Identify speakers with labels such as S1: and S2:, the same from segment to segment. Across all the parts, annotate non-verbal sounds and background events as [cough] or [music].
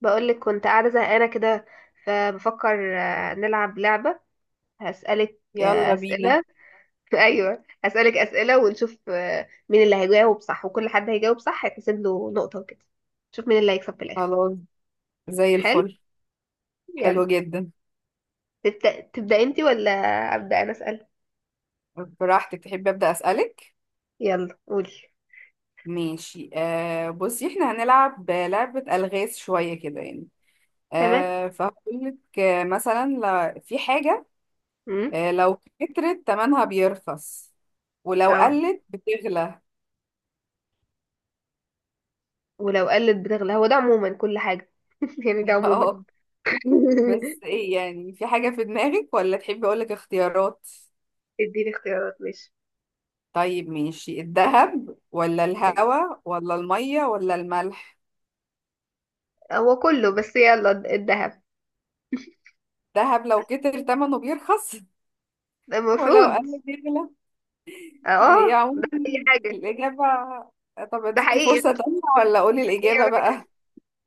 S1: بقولك كنت قاعدة زهقانة كده. فبفكر نلعب لعبة. هسألك
S2: يلا بينا.
S1: أسئلة. [laughs] أيوة، هسألك أسئلة ونشوف مين اللي هيجاوب صح، وكل حد هيجاوب صح هيتحسب له نقطة وكده. نشوف مين اللي هيكسب في الآخر.
S2: خلاص. زي
S1: حلو.
S2: الفل.
S1: يلا.
S2: حلو جدا.
S1: تبدأ انتي ولا أبدأ أنا أسأل؟
S2: براحتك، تحب أبدأ أسألك.
S1: يلا قولي.
S2: ماشي. بصي، احنا هنلعب لعبة ألغاز شوية كده يعني.
S1: تمام.
S2: فهقولك مثلا في حاجة،
S1: امم.
S2: لو كترت تمنها بيرخص، ولو
S1: اه.
S2: قلت بتغلى.
S1: ولو قلت بتغلى هو ده عموما كل حاجة. [laughs] يعني ده
S2: [laughs]
S1: عموما.
S2: اه، بس
S1: [laughs]
S2: ايه يعني، في حاجة في دماغك ولا تحبي أقولك اختيارات؟
S1: اديني اختيارات، ماشي.
S2: طيب ماشي، الذهب ولا الهوا ولا المية ولا الملح؟
S1: هو كله، بس يلا الذهب.
S2: دهب لو كتر تمنه بيرخص [laughs] ولو
S1: المفروض.
S2: قل بيغلى. هي
S1: اه
S2: عموما
S1: ده. اي حاجة.
S2: الإجابة. طب
S1: ده
S2: أديكي
S1: حقيقي.
S2: فرصة تانية ولا أقول
S1: ده حقيقي
S2: الإجابة
S1: على فكرة.
S2: بقى؟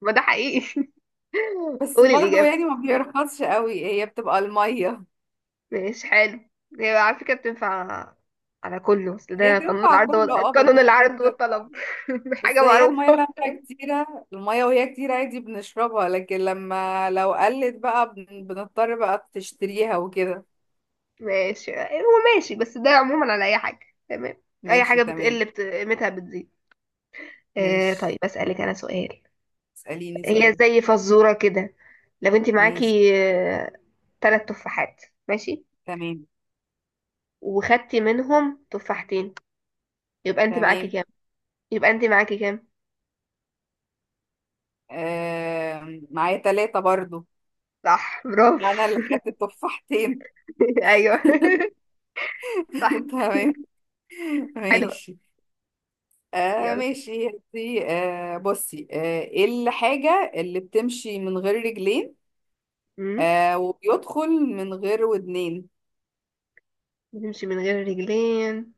S1: ما ده حقيقي. [laughs]
S2: بس
S1: قولي
S2: برضو
S1: الإجابة.
S2: يعني ما بيرخصش قوي، هي بتبقى المية.
S1: ماشي، حلو. هي على فكرة بتنفع على كله، بس
S2: هي
S1: ده قانون
S2: تنفع
S1: العرض
S2: كله، اه،
S1: قانون
S2: بس هي
S1: العرض
S2: بتبقى.
S1: والطلب. [laughs]
S2: بس
S1: حاجة
S2: هي المية
S1: معروفة.
S2: لما كتيرة، المية وهي كتيرة عادي بنشربها، لكن لما لو قلت بقى بنضطر بقى تشتريها وكده.
S1: ماشي، هو ماشي، بس ده عموما على أي حاجة. تمام. أي
S2: ماشي
S1: حاجة
S2: تمام.
S1: بتقل قيمتها بتزيد.
S2: ماشي،
S1: طيب بسألك أنا سؤال.
S2: اسأليني
S1: هي
S2: سؤال.
S1: زي فزورة كده. لو انت
S2: ماشي.
S1: معاكي تلات تفاحات، ماشي،
S2: تمام.
S1: وخدتي منهم تفاحتين، يبقى انت معاكي
S2: تمام.
S1: كام؟ يبقى انت معاكي كام؟
S2: معايا ثلاثة برضو.
S1: صح، برافو.
S2: انا اللي خدت التفاحتين.
S1: [laughs] ايوه. [laughs]
S2: [laughs]
S1: صح.
S2: تمام.
S1: حلوة.
S2: ماشي.
S1: يلا.
S2: ماشي دي. بصي، ايه الحاجة اللي بتمشي من غير رجلين
S1: امم.
S2: وبيدخل من غير ودنين؟
S1: بتمشي من غير رجلين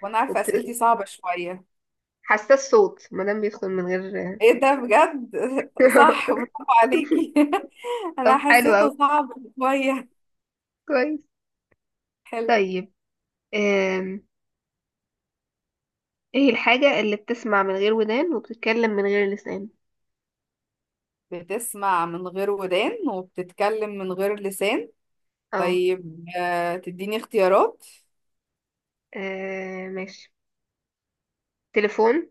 S2: وانا عارفة
S1: وبت...
S2: اسئلتي صعبة شوية.
S1: حساس صوت ما دام بيدخل من غير.
S2: ايه ده بجد. [laughs] صح،
S1: [laughs]
S2: برافو عليكي. [laughs] انا
S1: طب حلو قوي.
S2: حسيته صعب شوية.
S1: كويس.
S2: حلو.
S1: طيب. أم... ايه الحاجة اللي بتسمع من غير ودان وبتتكلم من غير لسان؟
S2: بتسمع من غير ودان وبتتكلم من غير لسان.
S1: اه.
S2: طيب، تديني اختيارات.
S1: ماشي. تليفون.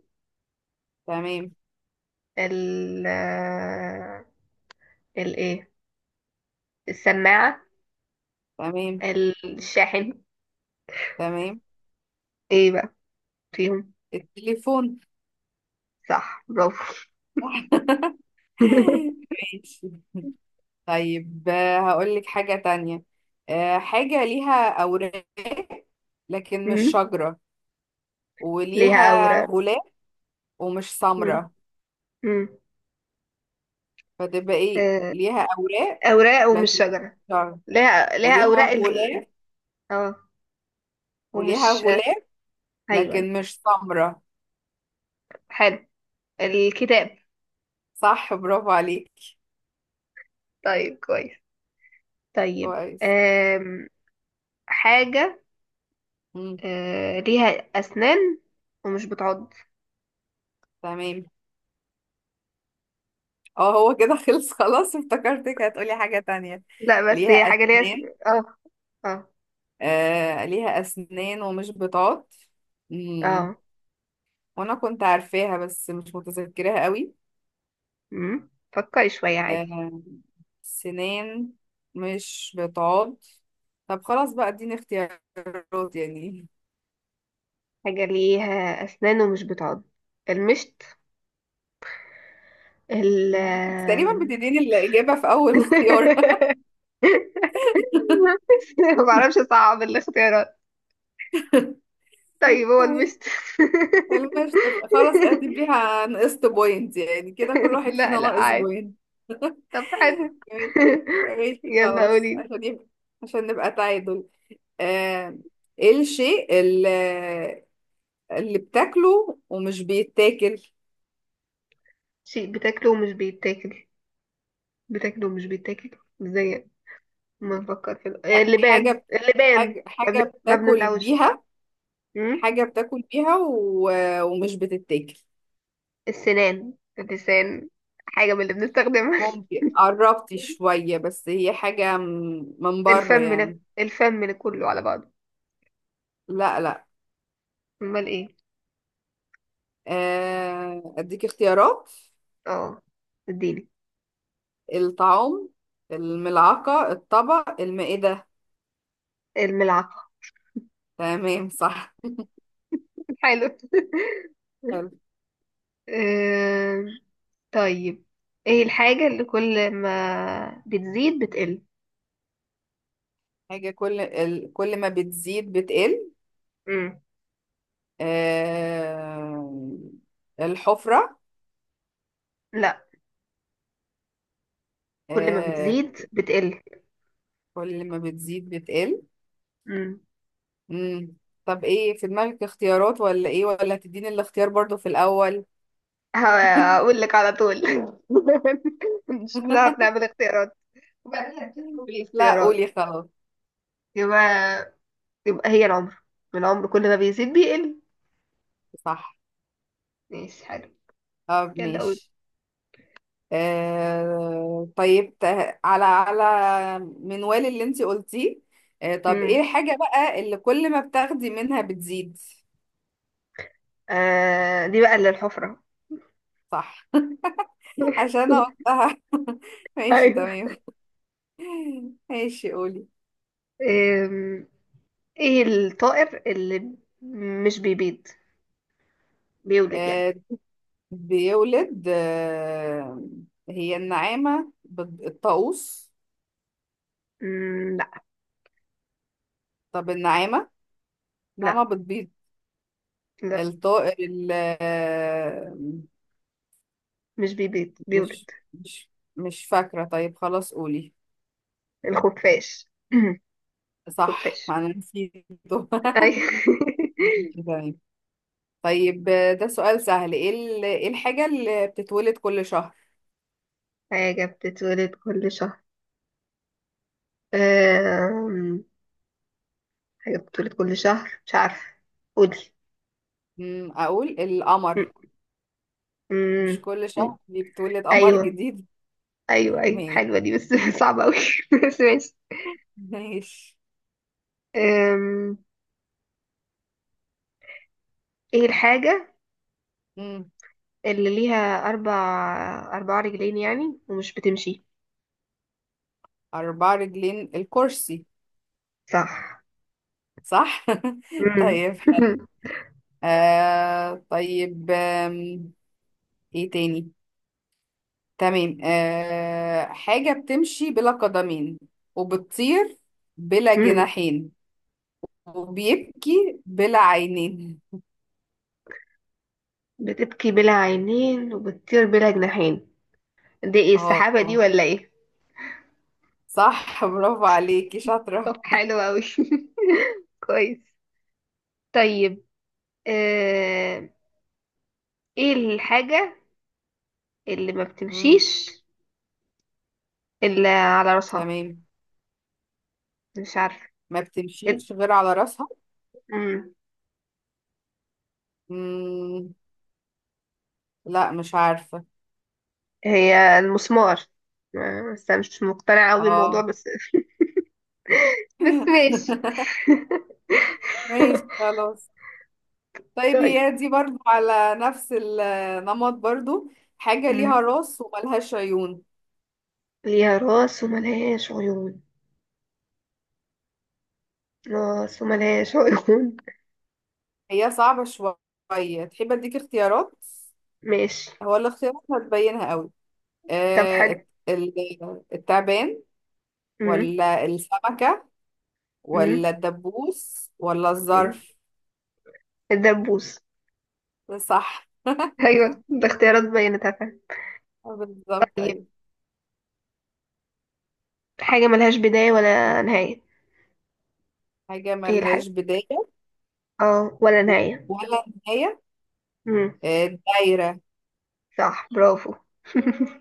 S2: تمام.
S1: ال آه، ال ايه، السماعة،
S2: تمام.
S1: الشاحن.
S2: تمام.
S1: ايه بقى فيهم؟
S2: التليفون.
S1: صح، برافو.
S2: [laughs]
S1: [laughs]
S2: ماشي. طيب، هقولك حاجة تانية. حاجة ليها أوراق لكن مش
S1: مم.
S2: شجرة،
S1: ليها
S2: وليها
S1: أوراق.
S2: غلاف ومش
S1: مم.
S2: سمرة.
S1: مم.
S2: فتبقى ايه؟
S1: آه،
S2: ليها أوراق
S1: أوراق ومش
S2: لكن مش
S1: شجرة.
S2: شجرة،
S1: ليها
S2: وليها
S1: أوراق
S2: غلاف.
S1: اه.
S2: وليها
S1: ومش
S2: غلاف
S1: أيوه، أيوه.
S2: لكن مش سمرة.
S1: حلو. الكتاب.
S2: صح، برافو عليك.
S1: طيب كويس. طيب،
S2: كويس.
S1: حاجة.
S2: مم.
S1: ليها أسنان ومش بتعض.
S2: تمام. اه هو كده خلص. [laughs] خلاص افتكرتك هتقولي حاجة تانية.
S1: لا، بس هي
S2: ليها
S1: حاجة ليها
S2: أسنان.
S1: أسنان، اه. اه.
S2: ليها أسنان ومش بتعض. مم،
S1: اه.
S2: وأنا كنت عارفاها بس مش متذكراها قوي.
S1: مم. فكري شوية عادي.
S2: آه سنان، مش بتعض. طب خلاص بقى، اديني اختيارات يعني.
S1: حاجة ليها أسنان ومش بتعض. المشط. ال
S2: مم، انت تقريبا بتديني الإجابة في أول اختيار. [laughs]
S1: [laughs] [laughs] ما بعرفش، اصعب الاختيارات. طيب هو المستر.
S2: المشط، خلاص
S1: [laughs]
S2: اعتبريها نقصت بوينت، يعني كده كل واحد
S1: لا
S2: فينا
S1: لا،
S2: ناقص
S1: عادي.
S2: بوينت.
S1: طب حلو.
S2: ماشي.
S1: [laughs]
S2: ماشي
S1: يلا
S2: خلاص،
S1: قولي.
S2: عشان نبقى تعادل. آه، ايه الشيء اللي، اللي بتاكله ومش بيتاكل؟
S1: شيء بتاكله ومش بيتاكل. بتاكله ومش بيتاكل؟ ازاي؟ ما نفكر في
S2: يعني حاجة
S1: اللبان، اللبان.
S2: حاجة،
S1: ما
S2: بتاكل
S1: بنبلعوش.
S2: بيها.
S1: أم؟
S2: حاجة بتاكل بيها ومش بتتاكل.
S1: السنان. اللسان. حاجة من اللي بنستخدمها. [laughs]
S2: ممكن قربتي شوية، بس هي حاجة من بره
S1: الفم
S2: يعني.
S1: الفم كله على بعضه.
S2: لا لا.
S1: امال ايه؟
S2: اديك اختيارات.
S1: اه. اديني.
S2: الطعام، الملعقة، الطبق، المائدة.
S1: الملعقة.
S2: تمام، صح.
S1: [laughs] حلو. [laughs] آه، طيب، ايه الحاجة اللي كل ما بتزيد بتقل؟
S2: حاجة كل ما بتزيد بتقل.
S1: مم.
S2: آه الحفرة.
S1: لا. كل ما
S2: آه
S1: بتزيد بتقل.
S2: كل ما بتزيد بتقل.
S1: مم.
S2: مم. طب ايه في دماغك اختيارات، ولا ايه، ولا تديني الاختيار برضو في الأول؟
S1: هقول لك على طول. [laughs] مش بنعرف
S2: [laughs]
S1: نعمل اختيارات. وبعدين هتقول
S2: لا،
S1: الاختيارات.
S2: قولي خلاص.
S1: يبقى يبقى هي العمر. العمر كل ما بيزيد بيقل.
S2: صح.
S1: ماشي، حلو.
S2: طب
S1: يلا قول.
S2: ماشي. آه طيب ت- على منوال اللي انتي قلتيه. طب ايه
S1: مم.
S2: الحاجة بقى اللي كل ما بتاخدي منها بتزيد؟
S1: آه، دي بقى اللي الحفرة.
S2: صح. عشان
S1: [laughs]
S2: اوضحها. [laughs] ماشي
S1: ايوه.
S2: تمام. ماشي، قولي.
S1: أم، ايه الطائر اللي مش بيبيض، بيولد يعني؟
S2: آه بيولد، هي النعامة، الطاووس؟
S1: مم، لا.
S2: طب النعامة،
S1: لا.
S2: النعامة بتبيض.
S1: لا
S2: الطائر ال، آه،
S1: مش بيبيض،
S2: مش
S1: بيولد.
S2: مش مش فاكرة. طيب خلاص قولي.
S1: الخفاش. [clears throat]
S2: صح،
S1: خفاش.
S2: ما انا نسيته.
S1: أي.
S2: [laughs] ماشي
S1: [laughs]
S2: تمام. طيب، ده سؤال سهل. ايه إيه الحاجة اللي بتتولد كل شهر؟
S1: حاجة بتتولد كل شهر. أم... حاجة بتتولد كل شهر، مش عارفة، قولي.
S2: مم، اقول القمر.
S1: م- م-
S2: مش كل شهر
S1: م-
S2: دي بتولد قمر
S1: أيوه.
S2: جديد؟
S1: أيوه، أيوه،
S2: ماشي.
S1: حلوة دي، بس [laughs] صعبة أوي. [laughs] بس ماشي.
S2: ماشي.
S1: أم... إيه الحاجة
S2: مم.
S1: اللي ليها أربع، أربع رجلين يعني، ومش بتمشي؟
S2: أربع رجلين، الكرسي.
S1: صح.
S2: صح. [laughs]
S1: م-
S2: طيب.
S1: [laughs]
S2: آه طيب آم، ايه تاني؟ تمام. حاجة بتمشي بلا قدمين، وبتطير بلا
S1: م-
S2: جناحين، وبيبكي بلا عينين.
S1: بتبكي بلا عينين وبتطير بلا جناحين، دي ايه، السحابة دي
S2: اه.
S1: ولا ايه؟
S2: صح، برافو عليكي،
S1: طب
S2: شاطرة.
S1: حلو اوي. [laughs] كويس. طيب. آه... ايه الحاجة اللي ما
S2: مم.
S1: بتمشيش الا على راسها؟
S2: تمام.
S1: مش عارفة.
S2: ما
S1: ال-
S2: بتمشيش غير على راسها.
S1: مم.
S2: مم. لا مش عارفة.
S1: هي المسمار. بس انا مش مقتنعة اوي بالموضوع
S2: اه.
S1: بس. [laughs] بس ماشي.
S2: [laughs] ماشي
S1: [laughs]
S2: خلاص. طيب
S1: طيب.
S2: هي دي برضو على نفس النمط برضو. حاجة
S1: مم.
S2: ليها راس وملهاش عيون.
S1: ليها راس وملهاش عيون. راس وملهاش عيون،
S2: هي صعبة شوية، تحب اديك اختيارات.
S1: ماشي.
S2: هو الاختيارات هتبينها قوي.
S1: طب حلو.
S2: التعبان
S1: مم.
S2: ولا السمكة
S1: مم.
S2: ولا الدبوس ولا
S1: مم.
S2: الظرف؟
S1: الدبوس.
S2: صح. [laughs]
S1: ايوه، ده اختيارات بينت.
S2: بالظبط، ايوه.
S1: حاجة ملهاش بداية ولا نهاية.
S2: حاجة
S1: ايه الحاجة؟
S2: ملهاش بداية
S1: اه، ولا نهاية.
S2: ولا نهاية.
S1: امم.
S2: دايرة.
S1: صح، برافو.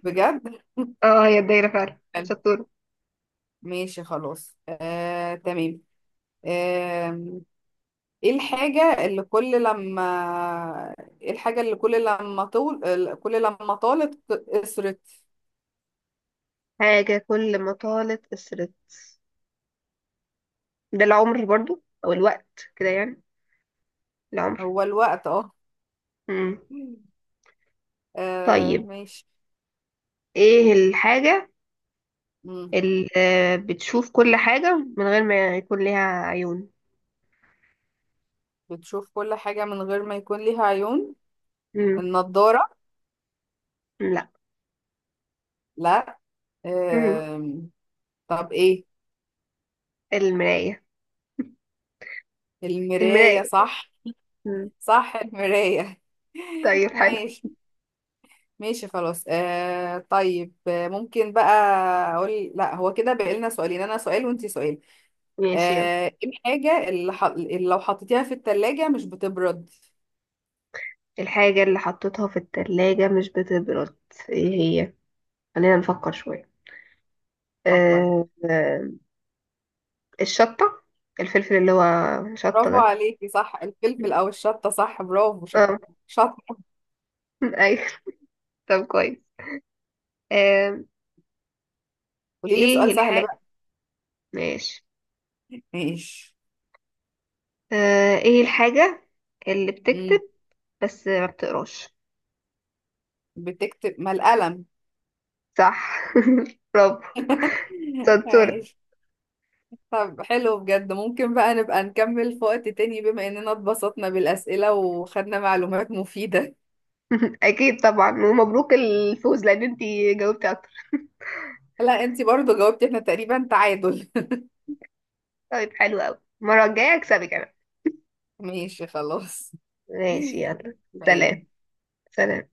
S2: بجد.
S1: [laughs] اه، هي الدايرة فعلا
S2: [laughs]
S1: شطورة.
S2: ماشي خلاص. تمام. آه، ايه الحاجة اللي كل لما ايه الحاجة اللي كل لما طول، كل لما طالت قصرت؟
S1: حاجة كل ما طالت قصرت. ده العمر برضو او الوقت كده يعني. العمر.
S2: هو الوقت، اه.
S1: امم. طيب،
S2: ماشي.
S1: ايه الحاجة
S2: مم.
S1: اللي بتشوف كل حاجة من غير ما يكون ليها عيون؟
S2: بتشوف كل حاجة من غير ما يكون ليها عيون؟
S1: امم.
S2: النضارة.
S1: لا.
S2: لا.
S1: امم.
S2: آم، طب ايه؟
S1: المراية. المراية.
S2: المراية. صح.
S1: مم.
S2: صح، المراية. [laughs]
S1: طيب حلو.
S2: ماشي. ماشي خلاص. طيب، ممكن بقى اقول، لا هو كده بقى لنا سؤالين، انا سؤال وانتي سؤال.
S1: ماشي يلا.
S2: ايه الحاجة اللي، اللي لو حطيتيها في التلاجة مش بتبرد؟
S1: الحاجة اللي حطيتها في التلاجة مش بتبرد، ايه هي؟ خلينا نفكر شوية.
S2: فكري.
S1: آه، آه، الشطة. الفلفل اللي هو شطة
S2: برافو
S1: ده.
S2: عليكي، صح، الفلفل او الشطة، صح، برافو،
S1: اه.
S2: شطة.
S1: [laughs] ايوه. طب كويس. آه،
S2: قولي لي
S1: ايه
S2: سؤال سهل بقى.
S1: الحاجة. ماشي.
S2: ماشي.
S1: ايه الحاجة اللي بتكتب
S2: امم،
S1: بس ما بتقراش؟
S2: بتكتب ما القلم.
S1: صح. [laughs] برافو.
S2: [laughs]
S1: سنتورة.
S2: ماشي. طب حلو بجد، ممكن بقى نبقى نكمل في وقت تاني، بما اننا اتبسطنا بالأسئلة وخدنا معلومات مفيدة.
S1: [laughs] اكيد طبعا، ومبروك الفوز، لان انتي جاوبتي اكتر.
S2: لا، انتي برضو جاوبتي، احنا تقريبا تعادل.
S1: طيب، حلو قوي، المرة الجاية اكسبك انا.
S2: [laughs] ماشي خلاص. [laughs]
S1: ماشي يلا. سلام.
S2: تمام.
S1: سلام.